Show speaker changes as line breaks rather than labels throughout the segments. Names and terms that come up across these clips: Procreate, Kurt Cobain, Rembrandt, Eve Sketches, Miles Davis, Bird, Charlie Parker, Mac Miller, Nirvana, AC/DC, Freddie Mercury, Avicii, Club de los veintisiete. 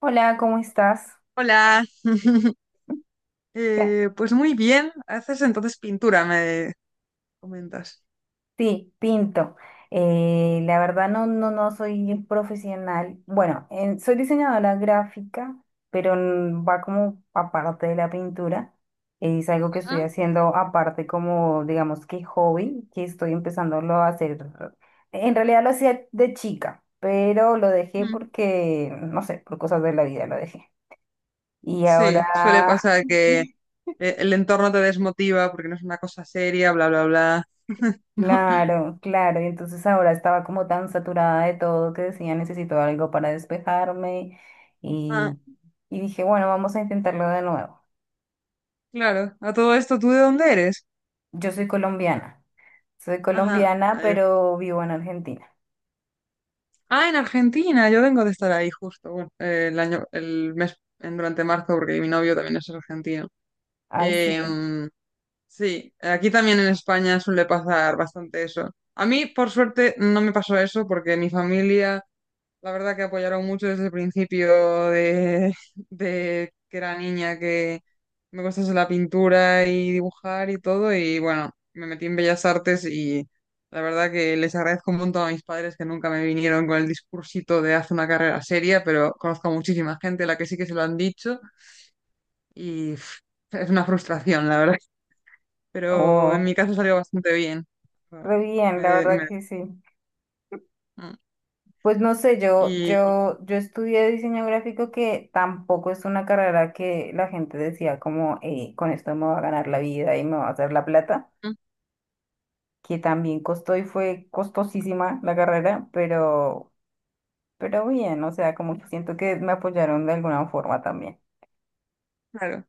Hola, ¿cómo estás?
Hola,
Ya.
Pues muy bien, haces entonces pintura, me comentas.
Sí, pinto. La verdad no soy profesional. Bueno, soy diseñadora gráfica, pero va como aparte de la pintura. Es algo que estoy
Ujú.
haciendo aparte como, digamos que hobby, que estoy empezándolo a hacer. En realidad lo hacía de chica, pero lo dejé
Mm.
porque, no sé, por cosas de la vida lo dejé. Y
Sí, suele
ahora
pasar que el entorno te desmotiva porque no es una cosa seria, bla, bla, bla. ¿No?
Claro, claro, y entonces ahora estaba como tan saturada de todo que decía necesito algo para despejarme
Ah,
y, y dije, bueno, vamos a intentarlo de nuevo.
claro, a todo esto, ¿tú de dónde eres?
Yo soy
Ajá, a
colombiana,
ver.
pero vivo en Argentina.
Ah, en Argentina, yo vengo de estar ahí justo, bueno, el año, el mes, durante marzo, porque mi novio también es argentino.
Así sí.
Em, Sí, aquí también en España suele pasar bastante eso. A mí, por suerte, no me pasó eso porque mi familia, la verdad que apoyaron mucho desde el principio de, de que era niña, que me gustase la pintura y dibujar y todo. Y bueno, me metí en Bellas Artes y la verdad que les agradezco un montón a mis padres que nunca me vinieron con el discursito de haz una carrera seria, pero conozco a muchísima gente a la que sí que se lo han dicho y pff, es una frustración, la verdad, pero
Oh,
en mi caso salió bastante bien. O-
re bien,
me-
la
de-
verdad
me-
que sí.
mm,
Pues no sé,
y
yo estudié diseño gráfico que tampoco es una carrera que la gente decía como, con esto me va a ganar la vida y me va a hacer la plata.
mm,
Que también costó y fue costosísima la carrera, pero bien, o sea, como que siento que me apoyaron de alguna forma también.
claro,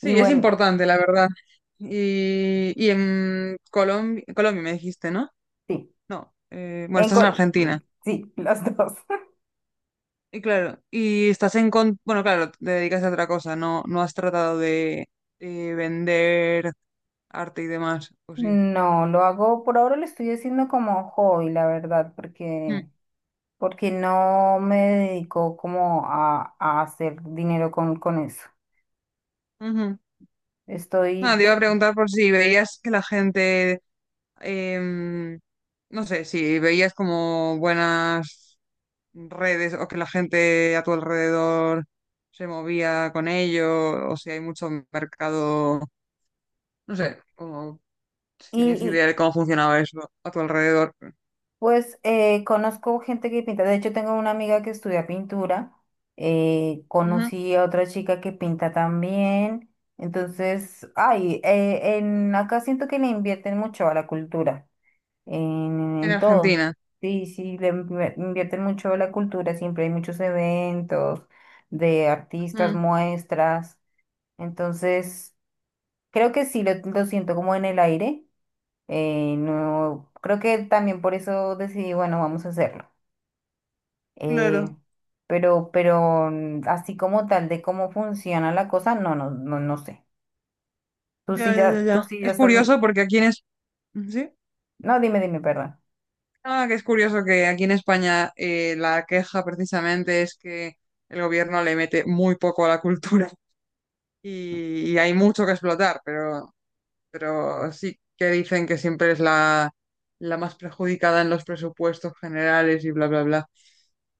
Y
es
bueno,
importante, la verdad. Y en Colombia, Colombia me dijiste, ¿no?
sí,
No, bueno,
en
estás en
cor-
Argentina.
sí, las dos.
Y claro, y estás en... bueno, claro, te dedicas a otra cosa, no, no has tratado de vender arte y demás, ¿o sí?
No, lo hago, por ahora lo estoy haciendo como hobby, la verdad,
Mm.
porque, porque no me dedico como a hacer dinero con eso.
Ujú.
Estoy,
Nada, te iba a
de-
preguntar por si veías que la gente em, no sé, si veías como buenas redes o que la gente a tu alrededor se movía con ello, o si hay mucho mercado, no sé, como si tenías
y,
idea de cómo funcionaba eso a tu alrededor.
Pues conozco gente que pinta, de hecho tengo una amiga que estudia pintura,
Ujú.
conocí a otra chica que pinta también, entonces, ay, acá siento que le invierten mucho a la cultura,
En
en todo,
Argentina.
sí, sí, invierten mucho a la cultura, siempre hay muchos eventos de artistas,
Mm,
muestras, entonces, creo que sí, lo siento como en el aire, no, creo que también por eso decidí, bueno, vamos a hacerlo. Eh,
claro,
pero así como tal de cómo funciona la cosa, no sé.
ya, ya, ya,
Tú
ya.
sí ya
Es
estás.
curioso porque aquí en es... ¿Sí?
No, dime, perdón.
Ah, que es curioso que aquí en España la queja precisamente es que el gobierno le mete muy poco a la cultura. Y hay mucho que explotar, pero sí que dicen que siempre es la más perjudicada en los presupuestos generales y bla, bla, bla.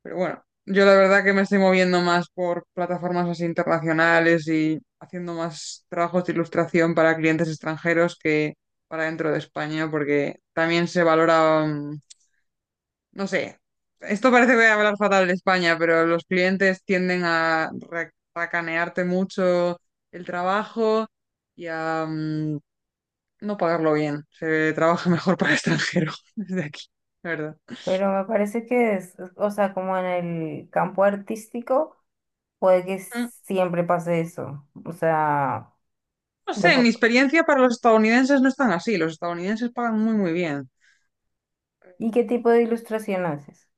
Pero bueno, yo la verdad que me estoy moviendo más por plataformas así internacionales y haciendo más trabajos de ilustración para clientes extranjeros que para dentro de España, porque también se valora no sé, esto parece que voy a hablar fatal de España, pero los clientes tienden a racanearte mucho el trabajo y a no pagarlo bien. Se trabaja mejor para el extranjero desde aquí, la verdad.
Pero me parece que o sea, como en el campo artístico, puede que
Mm,
siempre pase eso. O sea,
no
me
sé, en
pa-
mi experiencia para los estadounidenses no es tan así. Los estadounidenses pagan muy, muy bien.
¿y qué tipo de ilustración haces?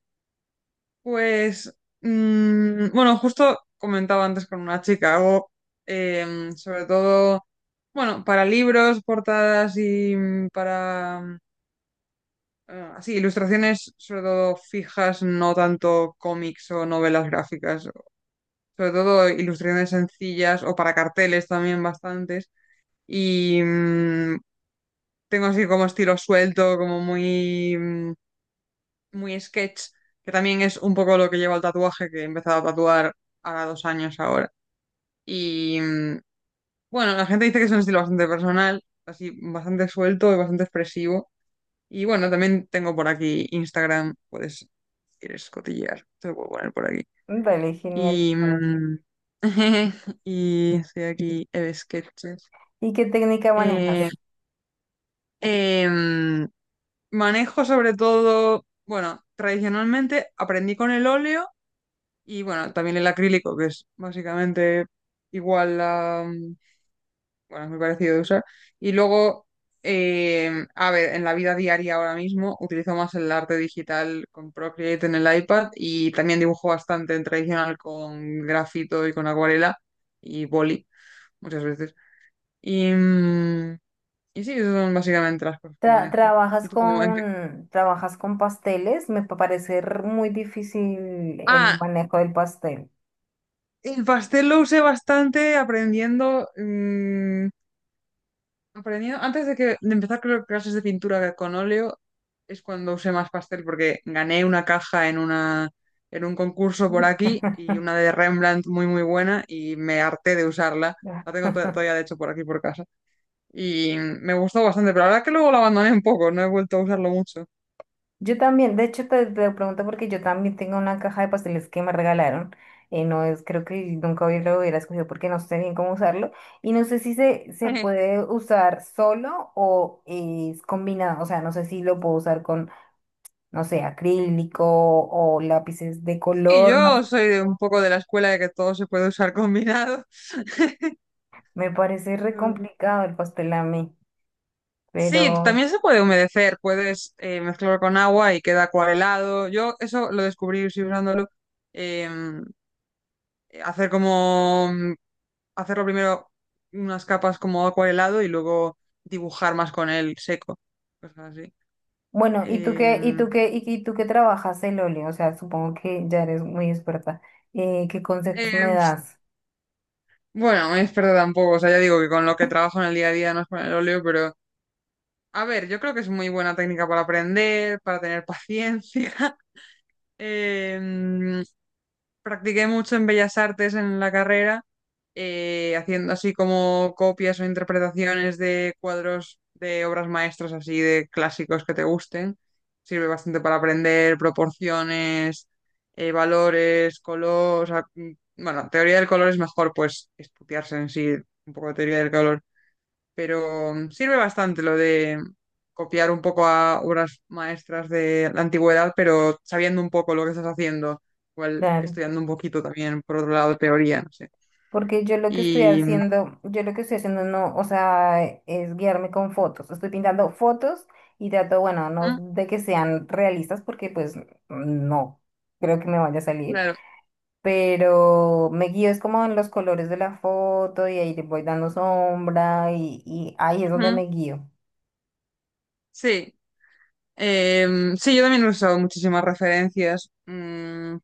Pues, bueno, justo comentaba antes con una chica, hago sobre todo, bueno, para libros, portadas y para... Ah, sí, ilustraciones sobre todo fijas, no tanto cómics o novelas gráficas, sobre todo ilustraciones sencillas o para carteles también bastantes. Y tengo así como estilo suelto, como muy, muy sketch, que también es un poco lo que lleva al tatuaje, que he empezado a tatuar hace 2 años ahora. Y mm, bueno, la gente dice que es un estilo bastante personal, así bastante suelto y bastante expresivo. Y bueno, también tengo por aquí Instagram, puedes, si quieres cotillear, te lo puedo poner por aquí.
Vale, genial.
Vale. Y estoy aquí, Eve Sketches.
¿Y qué técnica
Eh,
manejas?
em, Manejo sobre todo, bueno, tradicionalmente aprendí con el óleo y bueno, también el acrílico, que es básicamente igual a, bueno, es muy parecido de usar. Y luego, a ver, en la vida diaria ahora mismo utilizo más el arte digital con Procreate en el iPad y también dibujo bastante en tradicional con grafito y con acuarela y boli muchas veces. Y, mm, y sí, esas son básicamente las cosas que manejo. ¿Y
Trabajas
tú cómo?
trabajas con pasteles, parece muy difícil el
Ah,
manejo del pastel.
el pastel lo usé bastante aprendiendo. Antes de que de empezar, creo que, clases de pintura con óleo es cuando usé más pastel porque gané una caja en una, en un concurso por aquí, y una de Rembrandt muy muy buena, y me harté de usarla. La tengo todavía de hecho por aquí por casa, y me gustó bastante, pero la verdad que luego la abandoné un poco, no he vuelto a usarlo mucho.
Yo también, de hecho te lo pregunto porque yo también tengo una caja de pasteles que me regalaron. No es, creo que nunca hubiera- lo hubiera escogido porque no sé bien cómo usarlo. Y no sé si se puede usar solo o es combinado. O sea, no sé si lo puedo usar con, no sé, acrílico o lápices de
Sí,
color. No,
yo soy de un poco de la escuela de que todo se puede usar combinado.
me parece re complicado el pastel a mí.
Sí, también se puede humedecer, puedes mezclarlo con agua y queda acuarelado. Yo eso lo descubrí sí, usándolo. em, Hacer como hacerlo primero unas capas como acuarelado y luego dibujar más con él seco. Cosas así.
Bueno,
Eh,
¿y tú qué trabajas el óleo? O sea, supongo que ya eres muy experta. ¿Qué consejos
eh,
me das?
bueno, me experta tampoco. O sea, ya digo que con lo que trabajo en el día a día no es con el óleo, pero a ver, yo creo que es muy buena técnica para aprender, para tener paciencia. Em, Practiqué mucho en Bellas Artes en la carrera, haciendo así como copias o interpretaciones de cuadros de obras maestras, así de clásicos que te gusten. Sirve bastante para aprender proporciones, valores, color. O sea, bueno, teoría del color es mejor, pues, estudiarse en sí un poco de teoría del color, pero sirve bastante lo de copiar un poco a obras maestras de la antigüedad, pero sabiendo un poco lo que estás haciendo, igual
Claro.
estudiando un poquito también, por otro lado, teoría, no sé.
Porque yo lo que estoy
Y mm,
haciendo, yo lo que estoy haciendo no, o sea, es guiarme con fotos. Estoy pintando fotos y trato, bueno, no de que sean realistas porque pues no creo que me vaya a salir,
claro,
pero me guío es como en los colores de la foto y ahí le voy dando sombra y ahí es donde
ujú,
me guío.
sí. Sí, yo también he usado muchísimas referencias. mm,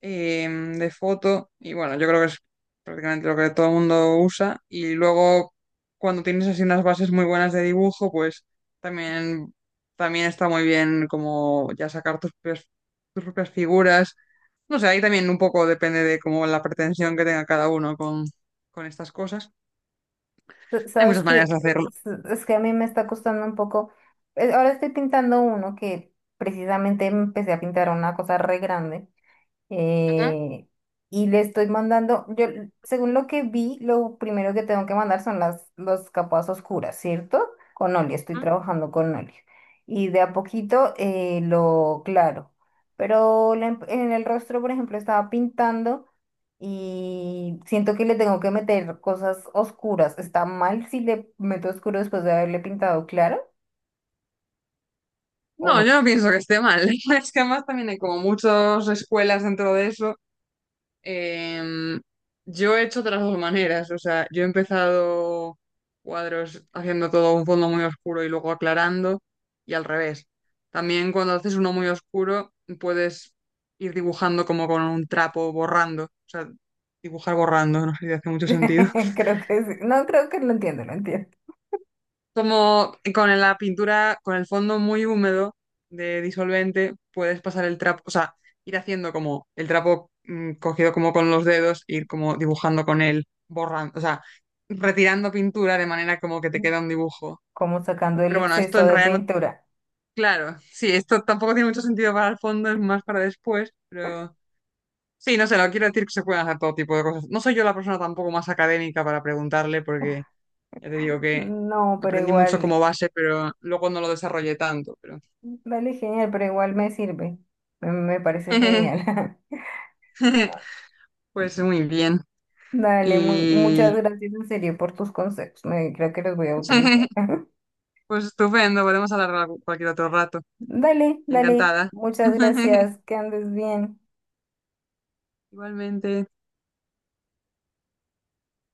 em, De foto, y bueno, yo creo que es prácticamente lo que todo el mundo usa, y luego cuando tienes así unas bases muy buenas de dibujo, pues también, también está muy bien como ya sacar tus propias figuras. No sé, ahí también un poco depende de como la pretensión que tenga cada uno con estas cosas. Hay
Sabes
muchas maneras
que
de hacerlo.
es que a mí me está costando un poco. Ahora estoy pintando uno que precisamente empecé a pintar una cosa re grande, eh, y le estoy mandando, yo, según lo que vi, lo primero que tengo que mandar son las capas oscuras, ¿cierto? Con óleo, estoy
Ujú.
trabajando con óleo. Y de a poquito lo claro. Pero en el rostro, por ejemplo, estaba pintando y siento que le tengo que meter cosas oscuras. ¿Está mal si le meto oscuro después de haberle pintado claro o
No,
no?
yo no pienso que esté mal. Es que además también hay como muchas escuelas dentro de eso. Em, yo he hecho de las dos maneras, o sea, yo he empezado cuadros haciendo todo un fondo muy oscuro y luego aclarando, y al revés. También cuando haces uno muy oscuro puedes ir dibujando como con un trapo borrando, o sea, dibujar borrando, no sé si hace mucho sentido.
Creo que sí. No, creo que lo entiendo, lo entiendo.
Como con la pintura, con el fondo muy húmedo de disolvente, puedes pasar el trapo, o sea, ir haciendo como el trapo cogido como con los dedos, ir como dibujando con él, borrando, o sea, retirando pintura de manera como que te queda un dibujo.
Como sacando el
Pero bueno, esto
exceso
en
de
realidad no,
pintura.
claro, sí, esto tampoco tiene mucho sentido para el fondo, es más para después, pero sí, no sé, lo quiero decir que se pueden hacer todo tipo de cosas. No soy yo la persona tampoco más académica para preguntarle porque ya te digo que
No, pero
aprendí mucho
igual,
como base, pero luego no lo desarrollé tanto, pero
dale, genial, pero igual me sirve. Me parece genial.
pues muy bien.
Dale, muchas
Y
gracias en serio por tus consejos. Me, creo que los voy a utilizar.
pues estupendo, podemos hablar cualquier otro rato.
Dale, dale,
Encantada.
muchas gracias, que andes bien.
Igualmente.